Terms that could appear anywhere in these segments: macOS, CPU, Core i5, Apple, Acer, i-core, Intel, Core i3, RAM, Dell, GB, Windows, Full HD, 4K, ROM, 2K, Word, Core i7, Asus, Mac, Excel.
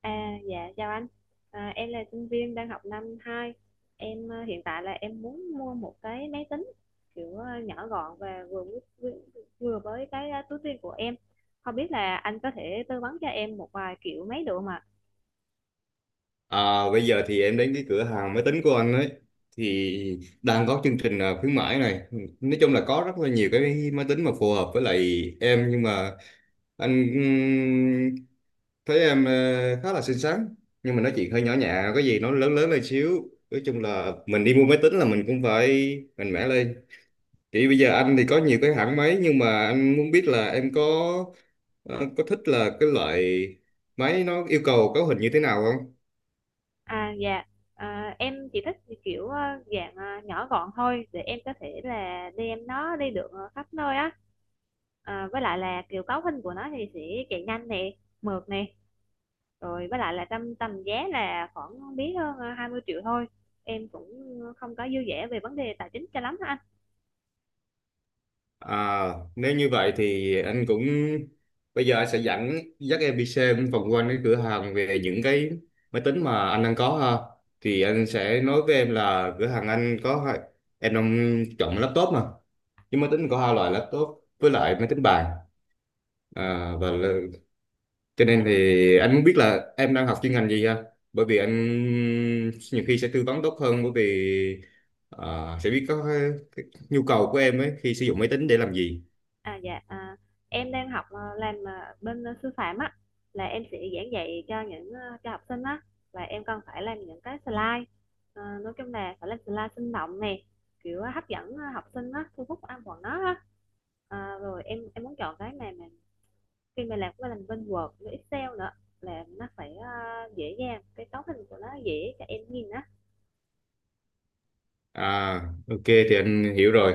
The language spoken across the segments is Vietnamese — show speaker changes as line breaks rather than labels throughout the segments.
À, dạ chào anh. Em là sinh viên đang học 2. Em hiện tại là em muốn mua một cái máy tính kiểu nhỏ gọn và vừa với cái túi tiền của em. Không biết là anh có thể tư vấn cho em một vài kiểu máy được không ạ?
Bây giờ thì em đến cái cửa hàng máy tính của anh ấy thì đang có chương trình khuyến mãi này, nói chung là có rất là nhiều cái máy tính mà phù hợp với lại em, nhưng mà anh thấy em khá là xinh xắn, nhưng mà nói chuyện hơi nhỏ nhẹ, có gì nó lớn lớn lên xíu. Nói chung là mình đi mua máy tính là mình cũng phải mạnh mẽ lên. Chỉ bây giờ anh thì có nhiều cái hãng máy, nhưng mà anh muốn biết là em có ờ, có thích là cái loại máy nó yêu cầu cấu hình như thế nào không.
À dạ. Em chỉ thích kiểu dạng nhỏ gọn thôi để em có thể là đem nó đi được khắp nơi á. À, với lại là kiểu cấu hình của nó thì sẽ chạy nhanh nè, mượt nè. Rồi với lại là tầm tầm giá là khoảng không biết hơn 20 triệu thôi. Em cũng không có dư dả về vấn đề tài chính cho lắm hả
À, nếu như vậy thì anh cũng bây giờ anh sẽ dắt em đi xem vòng quanh cái cửa hàng về những cái máy tính mà anh đang có ha. Thì anh sẽ nói với em là cửa hàng anh có em đang chọn laptop mà, nhưng máy tính có hai loại: laptop với lại máy tính bàn. à, và là- cho nên thì anh muốn biết là em đang học chuyên ngành gì ha, bởi vì anh nhiều khi sẽ tư vấn tốt hơn, bởi vì sẽ biết có cái nhu cầu của em ấy khi sử dụng máy tính để làm gì.
anh. Em đang học làm bên sư phạm á, là em sẽ giảng dạy cho những cho học sinh á, và em cần phải làm những cái slide. Nói chung là phải làm slide sinh động nè, kiểu hấp dẫn học sinh á, thu hút ăn bọn nó á. Rồi em muốn chọn cái này mà. Khi mà làm cái mình bên Word với Excel nữa là nó phải, dễ dàng, cái cấu hình của nó dễ cho em nhìn á.
À, ok thì anh hiểu rồi.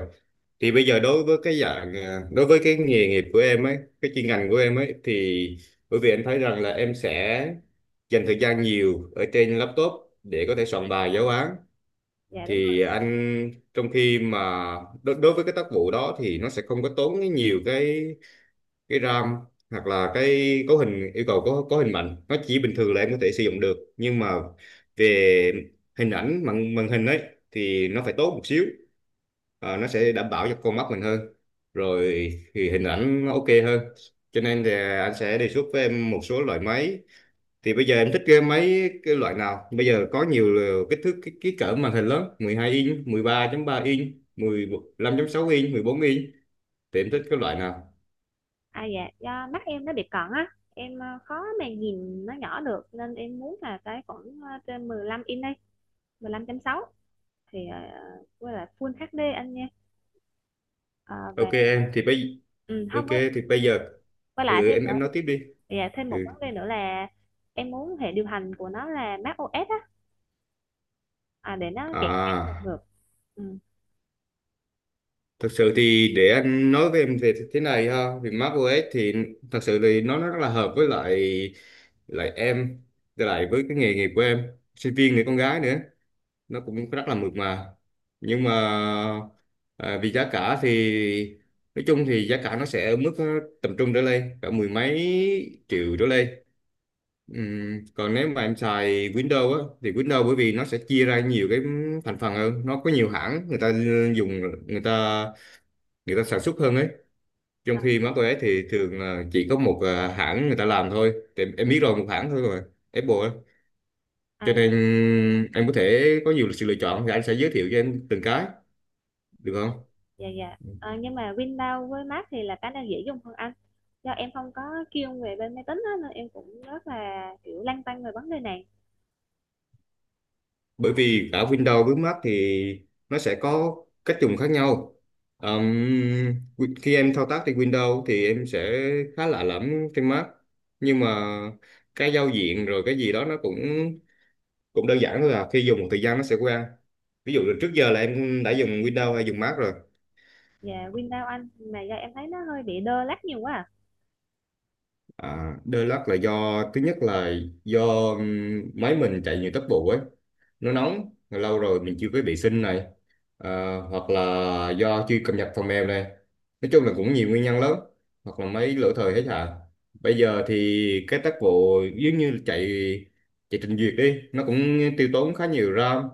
Thì bây giờ đối với đối với cái nghề nghiệp của em ấy, cái chuyên ngành của em ấy thì bởi vì anh thấy rằng là em sẽ dành thời gian nhiều ở trên laptop để có thể soạn bài giáo án.
Dạ đúng rồi.
Thì anh trong khi mà đối với cái tác vụ đó thì nó sẽ không có tốn nhiều cái RAM, hoặc là cái cấu hình yêu cầu có hình mạnh, nó chỉ bình thường là em có thể sử dụng được. Nhưng mà về hình ảnh màn màn hình ấy thì nó phải tốt một xíu. Ờ, nó sẽ đảm bảo cho con mắt mình hơn, rồi thì hình ảnh nó ok hơn. Cho nên thì anh sẽ đề xuất với em một số loại máy. Thì bây giờ em thích cái máy cái loại nào? Bây giờ có nhiều kích thước cái cỡ màn hình lớn: 12 inch, 13.3 inch, 15.6 inch, 14 inch. Thì em thích cái loại nào?
À, dạ, do mắt em nó bị cận á, em, khó mà nhìn nó nhỏ được nên em muốn là cái khoảng, trên 15 inch đi, 15.6 thì, à, với lại Full HD anh nha. Ờ,
ok
và
em thì bây ok
hông. với
thì bây giờ
với lại thêm
em
nữa,
em nói tiếp đi.
dạ, thêm một vấn
ừ.
đề nữa là em muốn hệ điều hành của nó là macOS á, à, để nó chạy trên một
à
lượt. Ừ.
Thực sự thì để anh nói với em thì thế này ha, thì macOS thì thật sự thì nó rất là hợp với lại lại em, với lại với cái nghề nghiệp của em, sinh viên người con gái nữa, nó cũng rất là mượt mà. Nhưng mà vì giá cả thì nói chung thì giá cả nó sẽ ở mức tầm trung trở lên, cả mười mấy triệu trở lên. Còn nếu mà em xài Windows á thì Windows bởi vì nó sẽ chia ra nhiều cái thành phần hơn, nó có nhiều hãng người ta dùng, người ta người ta sản xuất hơn ấy. Trong
à,
khi má cô ấy thì thường là chỉ có một hãng người ta làm thôi, thì em biết rồi, một hãng thôi, rồi Apple ấy. Cho
à,
nên em có thể có nhiều sự lựa chọn, thì anh sẽ giới thiệu cho em từng cái được không?
dạ dạ. Ờ, nhưng mà Windows với Mac thì là cái nào dễ dùng hơn anh? Do em không có kiêng về bên máy tính á, nên em cũng rất là kiểu lăn tăn về vấn đề này.
Bởi vì cả Windows với Mac thì nó sẽ có cách dùng khác nhau. Ờm, Khi em thao tác trên Windows thì em sẽ khá lạ lẫm trên Mac, nhưng mà cái giao diện rồi cái gì đó nó cũng cũng đơn giản thôi, là khi dùng một thời gian nó sẽ quen. Ví dụ là trước giờ là em đã dùng Windows hay dùng Mac rồi?
Dạ Windows anh, mà do em thấy nó hơi bị đơ lắc nhiều quá à.
À, đôi lắc là do thứ nhất là do máy mình chạy nhiều tốc độ ấy, nó nóng lâu rồi mình chưa có vệ sinh này, hoặc là do chưa cập nhật phần mềm này, nói chung là cũng nhiều nguyên nhân lắm, hoặc là máy lỗi thời hết à. Bây giờ thì cái tốc độ giống như chạy, chạy trình duyệt đi nó cũng tiêu tốn khá nhiều RAM,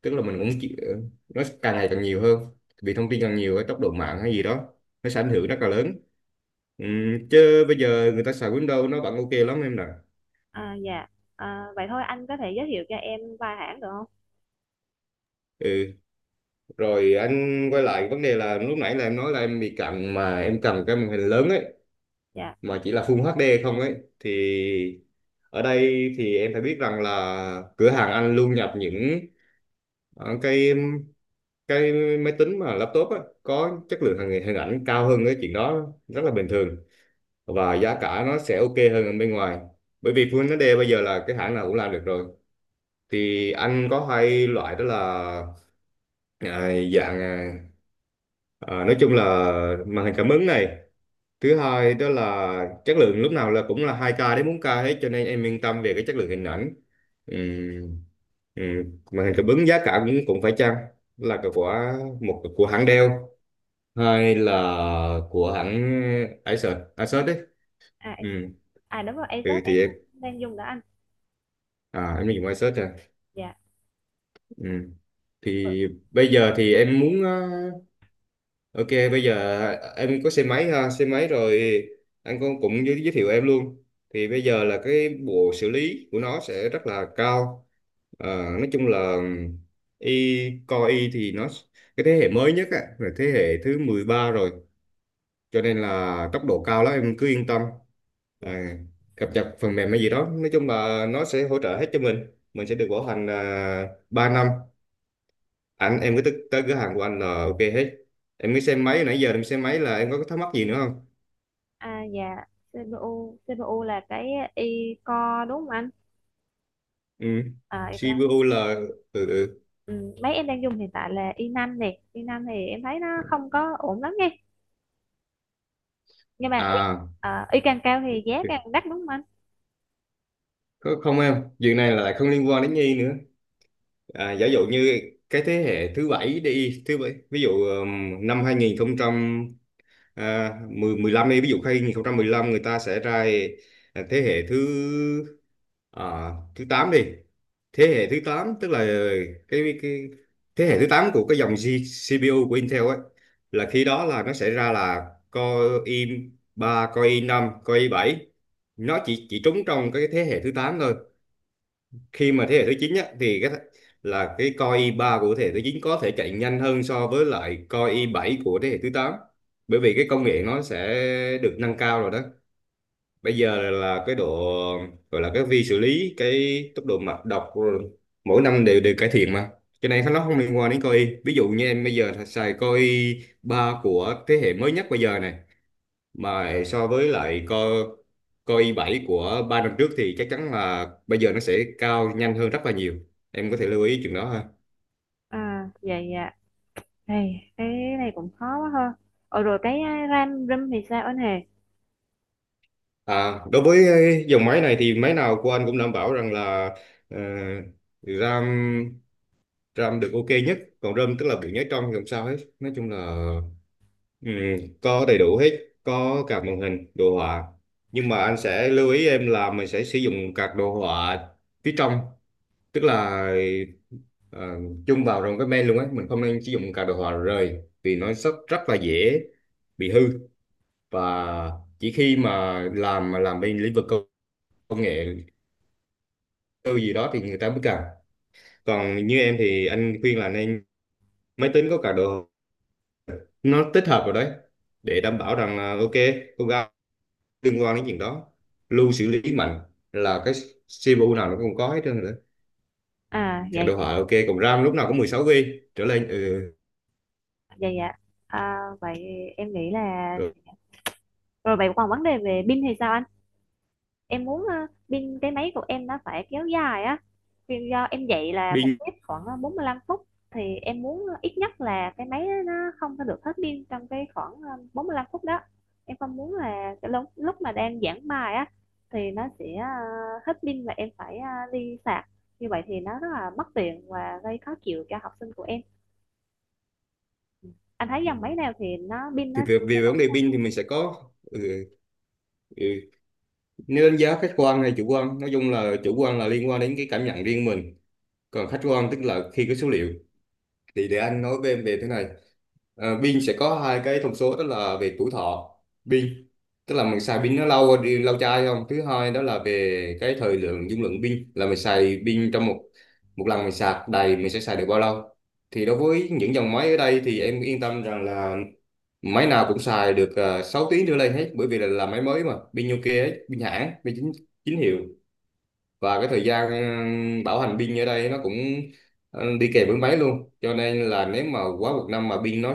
tức là mình cũng nó càng ngày càng nhiều hơn, vì thông tin càng nhiều cái tốc độ mạng hay gì đó, nó sẽ ảnh hưởng rất là lớn. Ừ, chứ bây giờ người ta xài Windows nó vẫn ok lắm em nè.
À, dạ. Ờ, vậy thôi anh có thể giới thiệu cho em vài hãng được không?
ừ Rồi anh quay lại vấn đề là lúc nãy là em nói là em bị cận mà em cầm cái màn hình lớn ấy,
Dạ
mà chỉ là Full HD không ấy thì ở đây thì em phải biết rằng là cửa hàng anh luôn nhập những ờ, cái cái máy tính mà laptop á có chất lượng hình hình ảnh cao hơn, cái chuyện đó rất là bình thường, và giá cả nó sẽ ok hơn ở bên ngoài. Bởi vì Full HD bây giờ là cái hãng nào cũng làm được rồi. Thì anh có hai loại đó là à, dạng à, nói chung là màn hình cảm ứng này. Thứ hai đó là chất lượng lúc nào là cũng là 2K đến 4K hết, cho nên em yên tâm về cái chất lượng hình ảnh. Ừm, Màn hình cảm ứng giá cả cũng cũng phải chăng, là cái của một của hãng Dell hay là của hãng Acer Acer đấy.
à, em-
Ừm,
à đúng rồi, Asus em
thì em
cũng đang dùng đó anh.
em dùng Acer à.
Dạ.
Ừm.
Ờ,
thì bây giờ thì em muốn ờ, Ok, bây giờ em có xe máy ha, xe máy rồi anh cũng cũng giới thiệu em luôn. Thì bây giờ là cái bộ xử lý của nó sẽ rất là cao. Ờ, nói chung là y Core y thì nó cái thế hệ mới nhất á, là thế hệ thứ 13 rồi, cho nên là tốc độ cao lắm em cứ yên tâm.
dạ.
À, cập nhật phần mềm hay gì đó, nói chung là nó sẽ hỗ trợ hết cho mình. Mình sẽ được bảo hành 3 năm, anh em cứ tới cửa hàng của anh là ok hết. Em cứ xem máy, nãy giờ em xem máy là em có thắc mắc gì nữa không?
à dạ. CPU, CPU, là cái i-core đúng không anh?
ừ.
À, i-core.
CPU là ừ, ừ.
Ừ, mấy em đang dùng hiện tại là i năm này, i năm thì em thấy nó không có ổn lắm nha. Nhưng mà ý,
à
ờ, Ý càng cao thì giá càng đắt đúng không anh?
có không em, chuyện này là lại không liên quan đến Nhi nữa. À, giả dụ như cái thế hệ thứ bảy đi, thứ bảy ví dụ năm 2000, à, 10 15 đi, ví dụ khi hai không một lăm người ta sẽ ra thế hệ thứ thứ 8 đi. Thế hệ thứ 8 tức là cái thế hệ thứ 8 của cái dòng CPU của Intel ấy, là khi đó là nó sẽ ra là Core i ba, Core i năm, Core i bảy. Nó chỉ trúng trong cái thế hệ thứ 8 thôi. Khi mà thế hệ thứ 9 á, thì cái Core i ba của thế hệ thứ 9 có thể chạy nhanh hơn so với lại Core i bảy của thế hệ thứ tám, bởi vì cái công nghệ nó sẽ được nâng cao rồi đó. Bây giờ là cái độ gọi là cái vi xử lý, cái tốc độ mạch đọc rồi, mỗi năm đều đều cải thiện mà. Cái này nó không liên quan đến Core i. Ví dụ như em bây giờ xài Core i ba của thế hệ mới nhất bây giờ này, mà so với lại co co i7 của ba năm trước thì chắc chắn là bây giờ nó sẽ cao nhanh hơn rất là nhiều. Em có thể lưu ý chuyện đó ha.
À vậy dạ, này cái này cũng khó quá ha. Ờ rồi cái ram rum thì sao anh hề?
À, đối với dòng máy này thì máy nào của anh cũng đảm bảo rằng là ờ, RAM, được ok nhất, còn ROM tức là bị nhớ trong thì không sao hết, nói chung là Ừ, có đầy đủ hết, có cả màn hình, đồ họa. Nhưng mà anh sẽ lưu ý em là mình sẽ sử dụng các đồ họa phía trong, tức là ờ, chung vào trong cái main luôn ấy, mình không nên sử dụng các đồ họa rời vì nó rất rất là dễ bị hư. Và chỉ khi mà làm bên lĩnh vực công công nghệ tư gì đó thì người ta mới cần. Còn như em thì anh khuyên là nên máy tính có cả đồ, nó tích hợp vào đấy, để đảm bảo rằng là ok. Cô gái, liên quan đến chuyện đó, lưu xử lý mạnh là cái CPU nào nó cũng có hết trơn rồi đó.
À
Cả
vậy
đồ
vậy,
họa ok, còn RAM lúc nào cũng 16 GB trở lên. Ừ.
dạ dạ. À, vậy em nghĩ là.
Rồi
Rồi vậy còn vấn đề về pin thì sao anh? Em muốn pin cái máy của em nó phải kéo dài á, vì do em dạy là một
pin.
tiết khoảng 45 phút thì em muốn ít nhất là cái máy nó không có được hết pin trong cái khoảng 45 phút đó. Em không muốn là cái lúc lúc mà đang giảng bài á thì nó sẽ hết pin và em phải đi sạc, như vậy thì nó rất là mất tiền và gây khó chịu cho học sinh của em. Anh thấy
Ừ.
dòng máy nào thì nó pin nó
Thì về,
sẽ.
về vấn đề pin thì mình sẽ có ừ, ừ. Nếu đánh giá khách quan hay chủ quan, nói chung là chủ quan là liên quan đến cái cảm nhận riêng mình, còn khách quan tức là khi cái số liệu. Thì để anh nói với em về thế này. Pin sẽ có hai cái thông số, đó là về tuổi thọ pin, tức là mình xài pin nó lâu đi lâu chai không. Thứ hai đó là về cái thời lượng dung lượng pin, là mình xài pin trong một một lần mình sạc đầy mình sẽ xài được bao lâu. Thì đối với những dòng máy ở đây thì em yên tâm rằng là máy nào cũng xài được 6 tiếng trở lên hết, bởi vì là máy mới, mà pin Nokia ấy, pin hãng, pin chính chính hiệu. Và cái thời gian bảo hành pin ở đây nó cũng đi kèm với máy luôn, cho nên là nếu mà quá một năm mà pin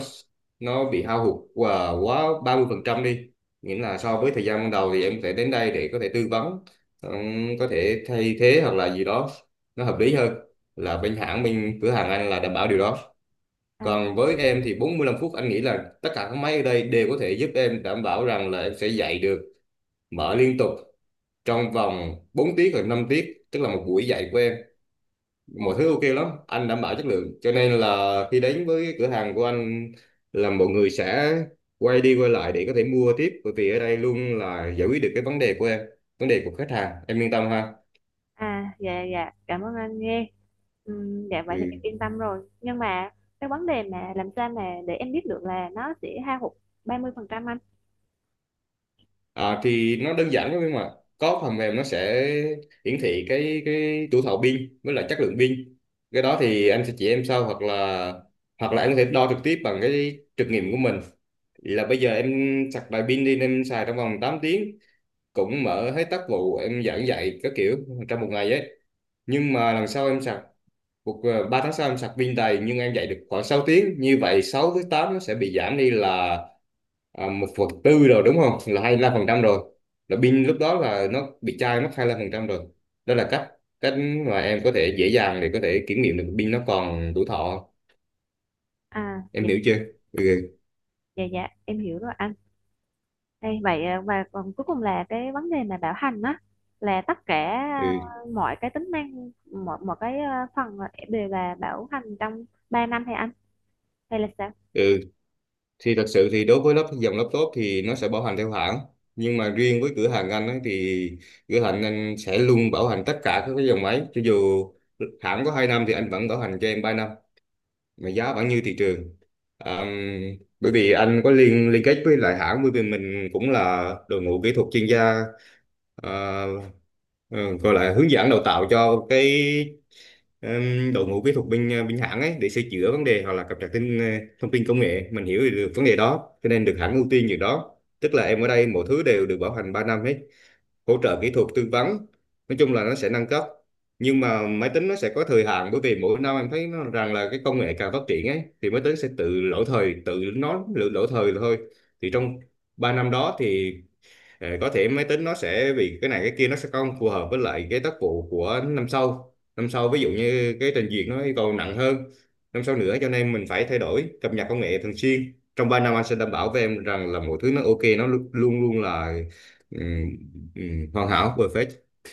nó bị hao hụt và quá 30 phần trăm đi, nghĩa là so với thời gian ban đầu, thì em có thể đến đây để có thể tư vấn, ừ, có thể thay thế hoặc là gì đó nó hợp lý hơn. Là bên hãng, bên cửa hàng anh là đảm bảo điều đó.
À,
Còn với em thì 45 phút, anh nghĩ là tất cả các máy ở đây đều có thể giúp em, đảm bảo rằng là em sẽ dạy được, mở liên tục trong vòng 4 tiết hoặc 5 tiết, tức là một buổi dạy của em. Mọi thứ ok lắm, anh đảm bảo chất lượng, cho nên là khi đến với cửa hàng của anh là mọi người sẽ quay đi quay lại để có thể mua tiếp, bởi vì ở đây luôn là giải quyết được cái vấn đề của em, vấn đề của khách hàng. Em yên tâm ha.
à, dạ dạ, cảm ơn anh nghe. Dạ vậy thì em
Ừ.
yên tâm rồi. Nhưng mà cái vấn đề mà làm sao mà để em biết được là nó sẽ hao hụt 30% anh?
À, thì nó đơn giản lắm em ạ, có phần mềm nó sẽ hiển thị cái tuổi thọ pin với lại chất lượng pin. Cái đó thì anh sẽ chỉ em sau, hoặc là anh có thể đo trực tiếp bằng cái trực nghiệm của mình. Vậy là bây giờ em sạc đầy pin đi, em xài trong vòng 8 tiếng, cũng mở hết tác vụ, em giảng dạy các kiểu trong một ngày ấy. Nhưng mà lần sau em sạc, cuộc 3 tháng sau em sạc pin đầy nhưng em dạy được khoảng 6 tiếng. Như vậy 6 với 8 nó sẽ bị giảm đi là 1 phần tư rồi đúng không? Là 25% rồi. Là pin lúc đó là nó bị chai mất 25% rồi. Đó là cách cách mà em có thể dễ dàng để có thể kiểm nghiệm được pin nó còn đủ thọ.
À,
Em
dạ
hiểu chưa? Ừ.
dạ dạ, em hiểu rồi anh. Đây, vậy à, và còn cuối cùng là cái vấn đề mà bảo hành á, là tất cả
Ừ.
mọi cái tính năng, mọi mọi cái phần đều là bảo hành trong 3 năm hay anh, hay là sao?
ừ. Thì thật sự thì đối với lắp dòng laptop thì nó sẽ bảo hành theo hãng, nhưng mà riêng với cửa hàng anh ấy thì cửa hàng anh sẽ luôn bảo hành tất cả các cái dòng máy, cho dù hãng có 2 năm thì anh vẫn bảo hành cho em 3 năm mà giá vẫn như thị trường. à, Bởi vì anh có liên liên kết với lại hãng, bởi vì mình cũng là đội ngũ kỹ thuật chuyên gia, à, ừ, gọi là hướng dẫn đào tạo cho cái đội ngũ kỹ thuật bên bên hãng ấy để sửa chữa vấn đề hoặc là cập nhật tin thông tin công nghệ, mình hiểu được vấn đề đó cho nên được hãng ưu tiên việc đó, tức là em ở đây mọi thứ đều được bảo hành 3 năm hết, hỗ trợ kỹ thuật, tư vấn, nói chung là nó sẽ nâng cấp. Nhưng mà máy tính nó sẽ có thời hạn, bởi vì mỗi năm em thấy nó rằng là cái công nghệ càng phát triển ấy thì máy tính sẽ tự lỗi thời, tự nó lỗi thời thôi. Thì trong 3 năm đó thì có thể máy tính nó sẽ vì cái này cái kia nó sẽ không phù hợp với lại cái tác vụ của năm sau, năm sau ví dụ như cái trình duyệt nó yêu cầu nặng hơn năm sau nữa, cho nên mình phải thay đổi cập nhật công nghệ thường xuyên. Trong 3 năm anh sẽ đảm bảo với em rằng là mọi thứ nó ok, nó luôn luôn là ừm, hoàn hảo, perfect.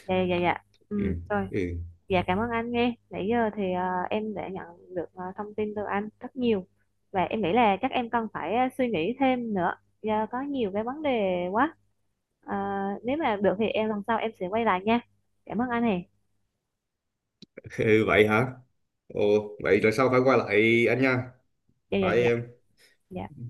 Dạ dạ dạ. Ừ,
Ừm,
rồi.
ừ.
Dạ cảm ơn anh nghe. Nãy giờ thì em đã nhận được thông tin từ anh rất nhiều, và em nghĩ là chắc em cần phải suy nghĩ thêm nữa do có nhiều cái vấn đề quá. À, nếu mà được thì em lần sau em sẽ quay lại nha. Cảm ơn anh hè.
Ừ, vậy hả. Ồ, vậy rồi sau phải qua lại anh nha,
Dạ dạ
phải
dạ.
em.
Dạ.